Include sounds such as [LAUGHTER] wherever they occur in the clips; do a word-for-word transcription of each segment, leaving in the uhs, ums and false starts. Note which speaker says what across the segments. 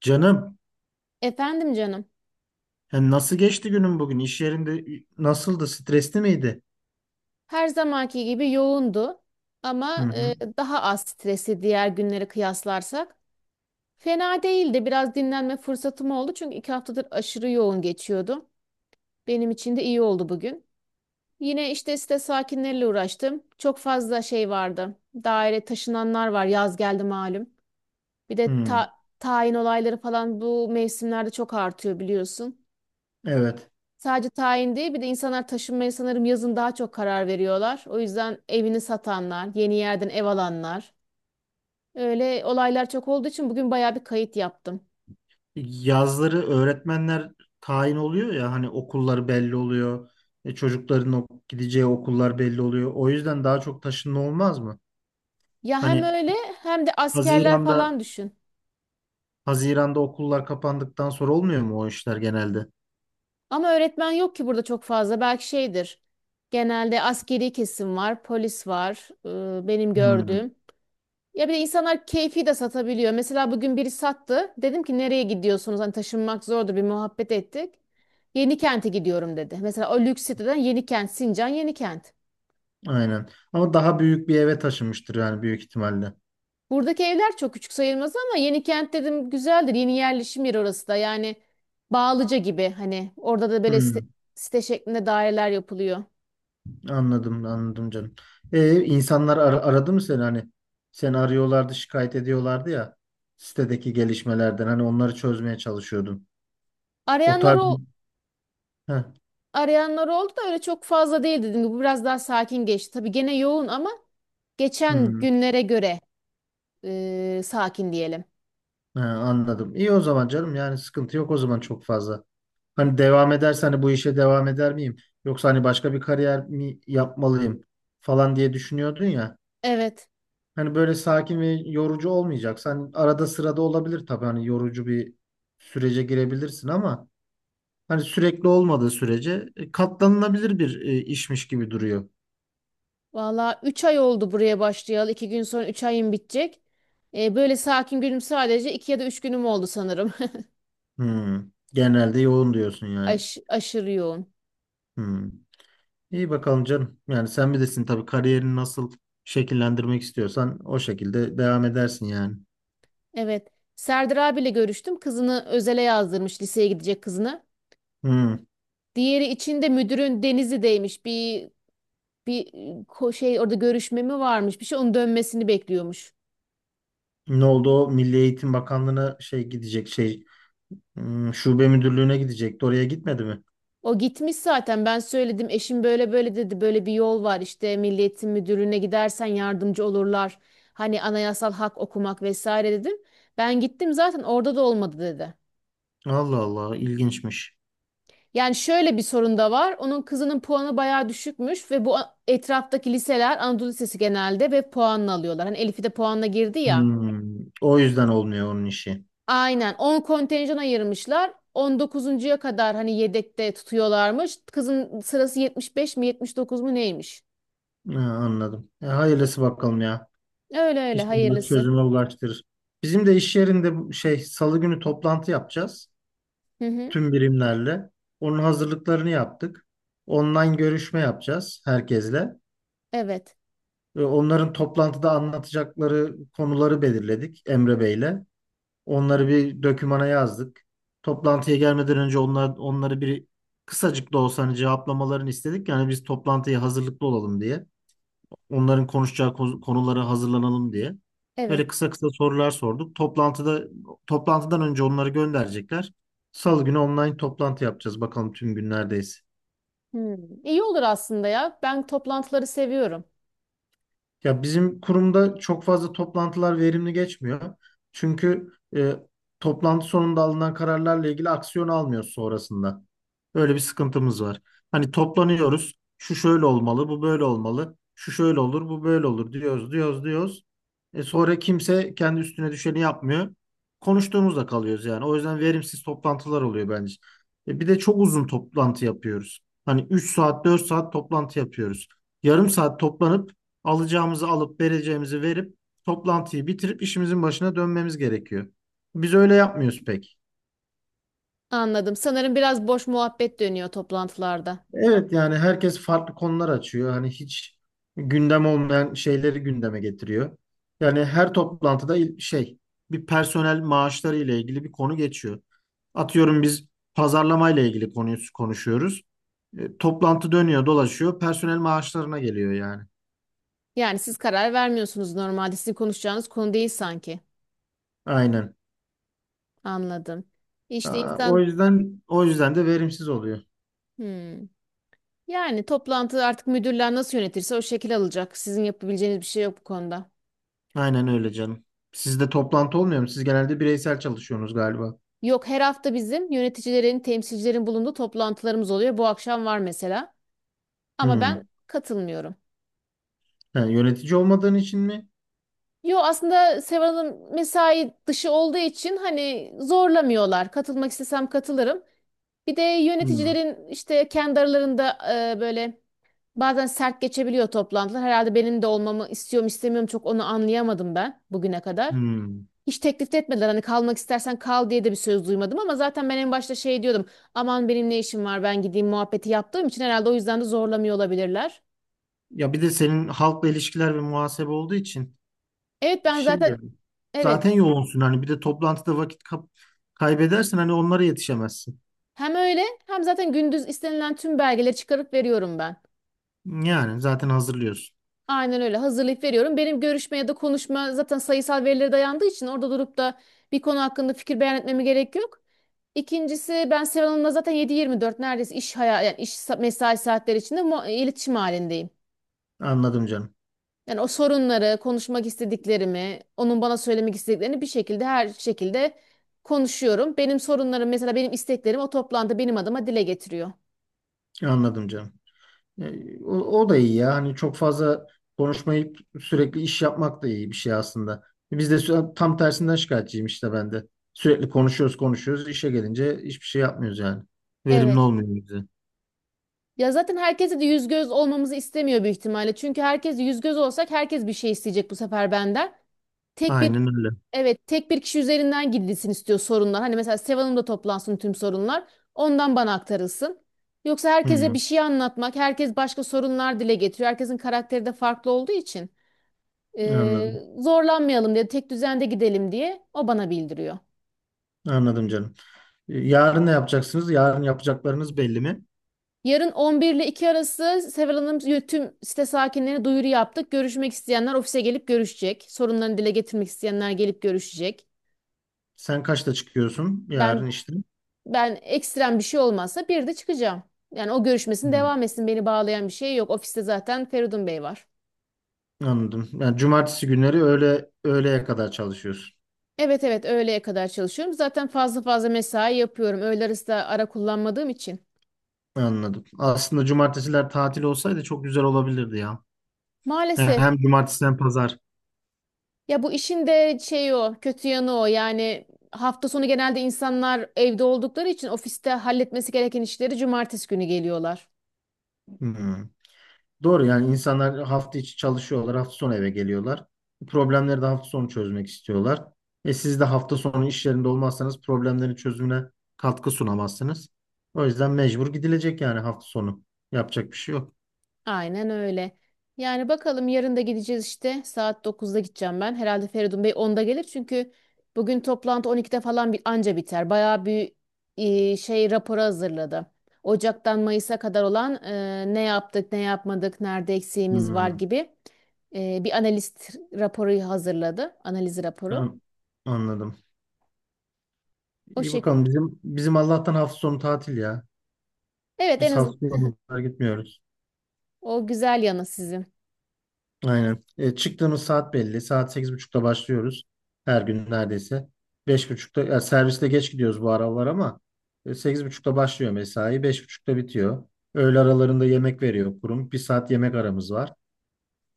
Speaker 1: Canım,
Speaker 2: Efendim canım.
Speaker 1: yani nasıl geçti günün bugün? İş yerinde nasıldı? Stresli miydi?
Speaker 2: Her zamanki gibi yoğundu
Speaker 1: Hı
Speaker 2: ama e,
Speaker 1: hı.
Speaker 2: daha az stresi diğer günlere kıyaslarsak. Fena değildi. Biraz dinlenme fırsatım oldu çünkü iki haftadır aşırı yoğun geçiyordum. Benim için de iyi oldu bugün. Yine işte site sakinleriyle uğraştım. Çok fazla şey vardı. Daire taşınanlar var. Yaz geldi malum. Bir de
Speaker 1: Hı.
Speaker 2: ta- tayin olayları falan bu mevsimlerde çok artıyor biliyorsun.
Speaker 1: Evet.
Speaker 2: Sadece tayin değil, bir de insanlar taşınmaya sanırım yazın daha çok karar veriyorlar. O yüzden evini satanlar, yeni yerden ev alanlar. Öyle olaylar çok olduğu için bugün bayağı bir kayıt yaptım.
Speaker 1: Yazları öğretmenler tayin oluyor ya hani okullar belli oluyor. E, çocukların o- gideceği okullar belli oluyor. O yüzden daha çok taşınma olmaz mı?
Speaker 2: Ya hem
Speaker 1: Hani
Speaker 2: öyle hem de askerler
Speaker 1: Haziran'da
Speaker 2: falan düşün.
Speaker 1: Haziran'da okullar kapandıktan sonra olmuyor mu o işler genelde?
Speaker 2: Ama öğretmen yok ki burada çok fazla. Belki şeydir. Genelde askeri kesim var, polis var, e, benim
Speaker 1: Hı.
Speaker 2: gördüğüm. Ya bir de insanlar keyfi de satabiliyor. Mesela bugün biri sattı. Dedim ki nereye gidiyorsunuz? Hani taşınmak zordu, bir muhabbet ettik. Yenikent'e gidiyorum dedi. Mesela o lüks siteden Yenikent, Sincan Yenikent.
Speaker 1: Aynen. Ama daha büyük bir eve taşınmıştır yani büyük ihtimalle.
Speaker 2: Buradaki evler çok küçük sayılmaz ama Yenikent dedim güzeldir. Yeni yerleşim yeri orası da. Yani Bağlıca gibi, hani orada da böyle site,
Speaker 1: Hı.
Speaker 2: site şeklinde daireler yapılıyor.
Speaker 1: Anladım, anladım canım. Ee, insanlar ar- aradı mı seni hani? Seni arıyorlardı, şikayet ediyorlardı ya sitedeki gelişmelerden. Hani onları çözmeye çalışıyordun. O
Speaker 2: Arayanlar
Speaker 1: tarz.
Speaker 2: o
Speaker 1: Heh,
Speaker 2: arayanlar oldu da öyle çok fazla değil dedim. Bu biraz daha sakin geçti. Tabii gene yoğun ama geçen
Speaker 1: hmm,
Speaker 2: günlere göre e, sakin diyelim.
Speaker 1: he, anladım. İyi o zaman canım. Yani sıkıntı yok o zaman çok fazla. Hani devam edersen hani bu işe devam eder miyim? Yoksa hani başka bir kariyer mi yapmalıyım falan diye düşünüyordun ya.
Speaker 2: Evet.
Speaker 1: Hani böyle sakin ve yorucu olmayacaksa hani arada sırada olabilir tabii hani yorucu bir sürece girebilirsin ama Hani sürekli olmadığı sürece e, katlanılabilir bir e, işmiş gibi duruyor.
Speaker 2: Valla üç ay oldu buraya başlayalı. iki gün sonra üç ayım bitecek. E, böyle sakin günüm sadece iki ya da üç günüm oldu sanırım.
Speaker 1: Hmm. Genelde yoğun diyorsun
Speaker 2: [LAUGHS]
Speaker 1: yani.
Speaker 2: Aş aşırı yoğun.
Speaker 1: Hmm. İyi bakalım canım. Yani sen bilirsin tabii kariyerini nasıl şekillendirmek istiyorsan o şekilde devam edersin yani.
Speaker 2: Evet. Serdar abiyle görüştüm. Kızını özele yazdırmış. Liseye gidecek kızını.
Speaker 1: Hmm.
Speaker 2: Diğeri için de müdürün Denizli'deymiş. Bir bir e, ko- şey, orada görüşme mi varmış bir şey, onun dönmesini bekliyormuş.
Speaker 1: Ne oldu o Milli Eğitim Bakanlığı'na şey gidecek şey hmm, şube müdürlüğüne gidecekti. Oraya gitmedi mi?
Speaker 2: O gitmiş zaten, ben söyledim eşim böyle böyle dedi, böyle bir yol var işte, Milli Eğitim Müdürlüğü'ne gidersen yardımcı olurlar. Hani anayasal hak okumak vesaire dedim. Ben gittim zaten, orada da olmadı dedi.
Speaker 1: Allah Allah ilginçmiş.
Speaker 2: Yani şöyle bir sorun da var. Onun kızının puanı bayağı düşükmüş ve bu a- etraftaki liseler Anadolu Lisesi genelde ve puanla alıyorlar. Hani Elif'i de puanla girdi ya.
Speaker 1: Hmm. O yüzden olmuyor onun işi.
Speaker 2: Aynen. On kontenjan ayırmışlar. On dokuzuncuya kadar hani yedekte tutuyorlarmış. Kızın sırası yetmiş beş mi yetmiş dokuz mu neymiş?
Speaker 1: Ha, anladım. E, hayırlısı bakalım ya.
Speaker 2: Öyle öyle,
Speaker 1: İnşallah
Speaker 2: hayırlısı.
Speaker 1: çözüme ulaştırır. Bizim de iş yerinde bu şey Salı günü toplantı yapacağız
Speaker 2: Hı hı.
Speaker 1: tüm birimlerle. Onun hazırlıklarını yaptık. Online görüşme yapacağız herkesle.
Speaker 2: Evet.
Speaker 1: Ve Onların toplantıda anlatacakları konuları belirledik Emre Bey'le. Onları bir dokümana yazdık. Toplantıya gelmeden önce onlar onları bir kısacık da olsa hani cevaplamalarını istedik. Yani biz toplantıya hazırlıklı olalım diye. onların konuşacağı ko- konulara hazırlanalım diye.
Speaker 2: Evet.
Speaker 1: Böyle kısa kısa sorular sorduk. Toplantıda toplantıdan önce onları gönderecekler. Salı günü online toplantı yapacağız. Bakalım tüm gün neredeyiz.
Speaker 2: Hmm. İyi olur aslında ya. Ben toplantıları seviyorum.
Speaker 1: Ya bizim kurumda çok fazla toplantılar verimli geçmiyor. Çünkü e, toplantı sonunda alınan kararlarla ilgili aksiyon almıyoruz sonrasında. Öyle bir sıkıntımız var. Hani toplanıyoruz. Şu şöyle olmalı, bu böyle olmalı. Şu şöyle olur, bu böyle olur diyoruz, diyoruz, diyoruz. E sonra kimse kendi üstüne düşeni yapmıyor. Konuştuğumuzda kalıyoruz yani. O yüzden verimsiz toplantılar oluyor bence. E bir de çok uzun toplantı yapıyoruz. Hani üç saat, dört saat toplantı yapıyoruz. Yarım saat toplanıp Alacağımızı alıp vereceğimizi verip toplantıyı bitirip işimizin başına dönmemiz gerekiyor. Biz öyle yapmıyoruz pek.
Speaker 2: Anladım. Sanırım biraz boş muhabbet dönüyor toplantılarda.
Speaker 1: Evet yani herkes farklı konular açıyor. Hani hiç gündem olmayan şeyleri gündeme getiriyor. Yani her toplantıda il- şey bir personel maaşları ile ilgili bir konu geçiyor. Atıyorum biz pazarlama ile ilgili konuyu konuşuyoruz. E, toplantı dönüyor, dolaşıyor, personel maaşlarına geliyor yani.
Speaker 2: Yani siz karar vermiyorsunuz normalde. Sizin konuşacağınız konu değil sanki.
Speaker 1: Aynen.
Speaker 2: Anladım. İşte
Speaker 1: Aa, o
Speaker 2: insan.
Speaker 1: yüzden o yüzden de verimsiz oluyor.
Speaker 2: Hmm. Yani toplantı artık müdürler nasıl yönetirse o şekil alacak. Sizin yapabileceğiniz bir şey yok bu konuda.
Speaker 1: Aynen öyle canım. Sizde toplantı olmuyor mu? Siz genelde bireysel çalışıyorsunuz galiba.
Speaker 2: Yok, her hafta bizim yöneticilerin, temsilcilerin bulunduğu toplantılarımız oluyor. Bu akşam var mesela. Ama ben
Speaker 1: Hmm.
Speaker 2: katılmıyorum.
Speaker 1: Ha, yönetici olmadığın için mi?
Speaker 2: Yo, aslında Seval Hanım mesai dışı olduğu için hani zorlamıyorlar. Katılmak istesem katılırım. Bir de
Speaker 1: Hmm.
Speaker 2: yöneticilerin işte kendi aralarında e, böyle bazen sert geçebiliyor toplantılar. Herhalde benim de olmamı istiyorum istemiyorum, çok onu anlayamadım ben bugüne kadar.
Speaker 1: Hmm.
Speaker 2: Hiç teklif de etmediler, hani kalmak istersen kal diye de bir söz duymadım, ama zaten ben en başta şey diyordum, aman benim ne işim var ben gideyim muhabbeti yaptığım için herhalde o yüzden de zorlamıyor olabilirler.
Speaker 1: Ya bir de senin halkla ilişkiler ve muhasebe olduğu için
Speaker 2: Evet, ben
Speaker 1: şey
Speaker 2: zaten
Speaker 1: yani.
Speaker 2: evet
Speaker 1: Zaten yoğunsun hani bir de toplantıda vakit kap- kaybedersen hani onlara yetişemezsin.
Speaker 2: hem öyle hem zaten gündüz istenilen tüm belgeleri çıkarıp veriyorum ben.
Speaker 1: Yani zaten hazırlıyorsun.
Speaker 2: Aynen öyle, hazırlayıp veriyorum. Benim görüşme ya da konuşma zaten sayısal verilere dayandığı için orada durup da bir konu hakkında fikir beyan etmeme gerek yok. İkincisi, ben Seval Hanım'la zaten yedi yirmi dört neredeyse iş hayal, yani iş sa- mesai saatleri içinde mu- iletişim halindeyim.
Speaker 1: Anladım canım.
Speaker 2: Yani o sorunları, konuşmak istediklerimi, onun bana söylemek istediklerini bir şekilde, her şekilde konuşuyorum. Benim sorunlarım mesela, benim isteklerim o toplantıda benim adıma dile getiriyor.
Speaker 1: Anladım canım. E, O, o da iyi ya. Hani çok fazla konuşmayıp sürekli iş yapmak da iyi bir şey aslında. Biz de sü- tam tersinden şikayetçiyim işte ben de. Sürekli konuşuyoruz konuşuyoruz. İşe gelince hiçbir şey yapmıyoruz yani. Verimli
Speaker 2: Evet.
Speaker 1: olmuyor bize.
Speaker 2: Ya zaten herkese de yüz göz olmamızı istemiyor büyük ihtimalle. Çünkü herkes yüz göz olsak, herkes bir şey isteyecek bu sefer benden. Tek bir
Speaker 1: Aynen öyle.
Speaker 2: Evet, tek bir kişi üzerinden gidilsin istiyor sorunlar. Hani mesela Seval Hanım'da toplansın tüm sorunlar. Ondan bana aktarılsın. Yoksa herkese bir
Speaker 1: Hı,
Speaker 2: şey anlatmak, herkes başka sorunlar dile getiriyor. Herkesin karakteri de farklı olduğu için eee,
Speaker 1: anladım.
Speaker 2: zorlanmayalım diye, tek düzende gidelim diye o bana bildiriyor.
Speaker 1: Anladım canım. E, Yarın ne yapacaksınız? Yarın yapacaklarınız belli mi?
Speaker 2: Yarın on bir ile iki arası Seval Hanım y- tüm site sakinlerine duyuru yaptık. Görüşmek isteyenler ofise gelip görüşecek. Sorunlarını dile getirmek isteyenler gelip görüşecek.
Speaker 1: Sen kaçta çıkıyorsun
Speaker 2: Ben
Speaker 1: yarın işte?
Speaker 2: ben ekstrem bir şey olmazsa bir de çıkacağım. Yani o görüşmesin,
Speaker 1: Hı,
Speaker 2: devam etsin, beni bağlayan bir şey yok. Ofiste zaten Feridun Bey var.
Speaker 1: anladım. Yani cumartesi günleri öğle öğleye kadar çalışıyorsun.
Speaker 2: Evet, evet öğleye kadar çalışıyorum. Zaten fazla fazla mesai yapıyorum. Öğle arası da ara kullanmadığım için.
Speaker 1: Anladım. Aslında cumartesiler tatil olsaydı çok güzel olabilirdi ya. Yani
Speaker 2: Maalesef.
Speaker 1: Hem cumartesi hem pazar.
Speaker 2: Ya bu işin de şey, o kötü yanı o. Yani hafta sonu genelde insanlar evde oldukları için ofiste halletmesi gereken işleri cumartesi günü geliyorlar.
Speaker 1: Hmm. Doğru yani insanlar hafta içi çalışıyorlar, hafta sonu eve geliyorlar. Problemleri de hafta sonu çözmek istiyorlar. E siz de hafta sonu iş yerinde olmazsanız problemlerin çözümüne katkı sunamazsınız. O yüzden mecbur gidilecek yani hafta sonu. Yapacak bir şey yok.
Speaker 2: Aynen öyle. Yani bakalım yarın da gideceğiz işte. Saat dokuzda gideceğim ben. Herhalde Feridun Bey onda gelir çünkü bugün toplantı on ikide falan bir anca biter. Bayağı bir e, şey raporu hazırladı. Ocak'tan Mayıs'a kadar olan e, ne yaptık, ne yapmadık, nerede eksiğimiz var
Speaker 1: Hmm,
Speaker 2: gibi e, bir analist raporu hazırladı. Analiz raporu.
Speaker 1: ben anladım.
Speaker 2: O
Speaker 1: İyi
Speaker 2: şey.
Speaker 1: bakalım bizim bizim Allah'tan hafta sonu tatil ya.
Speaker 2: Evet, en
Speaker 1: Biz
Speaker 2: azından
Speaker 1: hafta sonu gitmiyoruz.
Speaker 2: o güzel yanı sizin.
Speaker 1: Aynen. E, çıktığımız saat belli. Saat sekiz buçukta başlıyoruz. Her gün neredeyse. beş buçukta ya serviste geç gidiyoruz bu aralar ama e, sekiz buçukta başlıyor mesai. beş buçukta bitiyor. Öğle aralarında yemek veriyor kurum. Bir saat yemek aramız var.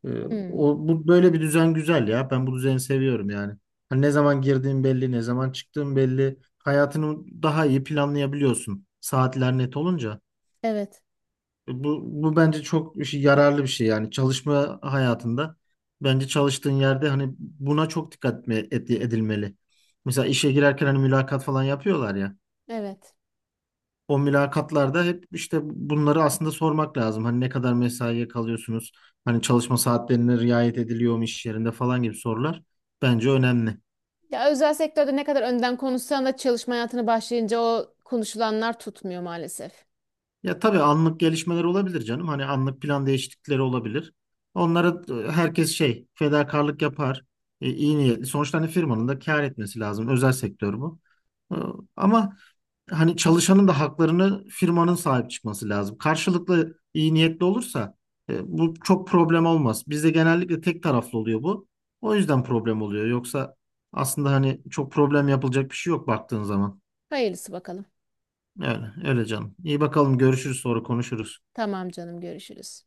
Speaker 1: E,
Speaker 2: Hmm.
Speaker 1: o, bu böyle bir düzen güzel ya. Ben bu düzeni seviyorum yani. Hani ne zaman girdiğin belli, ne zaman çıktığın belli. Hayatını daha iyi planlayabiliyorsun. Saatler net olunca.
Speaker 2: Evet.
Speaker 1: Bu, bu bence çok işi- yararlı bir şey yani çalışma hayatında. Bence çalıştığın yerde hani buna çok dikkat etme- et- edilmeli. Mesela işe girerken hani mülakat falan yapıyorlar ya.
Speaker 2: Evet.
Speaker 1: O mülakatlarda hep işte bunları aslında sormak lazım. Hani ne kadar mesaiye kalıyorsunuz? Hani çalışma saatlerine riayet ediliyor mu iş yerinde falan gibi sorular bence önemli.
Speaker 2: Ya özel sektörde ne kadar önden konuşsan da çalışma hayatına başlayınca o konuşulanlar tutmuyor maalesef.
Speaker 1: Ya tabii anlık gelişmeler olabilir canım. Hani anlık plan değişiklikleri olabilir. Onlara e, herkes şey fedakarlık yapar. E, iyi niyetli. Sonuçta hani firmanın da kâr etmesi lazım. Özel sektör bu. E, Ama hani çalışanın da haklarını firmanın sahip çıkması lazım. Karşılıklı iyi niyetli olursa e, bu çok problem olmaz. Bizde genellikle tek taraflı oluyor bu. O yüzden problem oluyor. Yoksa aslında hani çok problem yapılacak bir şey yok baktığın zaman.
Speaker 2: Hayırlısı bakalım.
Speaker 1: Öyle, öyle canım. İyi bakalım görüşürüz sonra konuşuruz.
Speaker 2: Tamam canım, görüşürüz.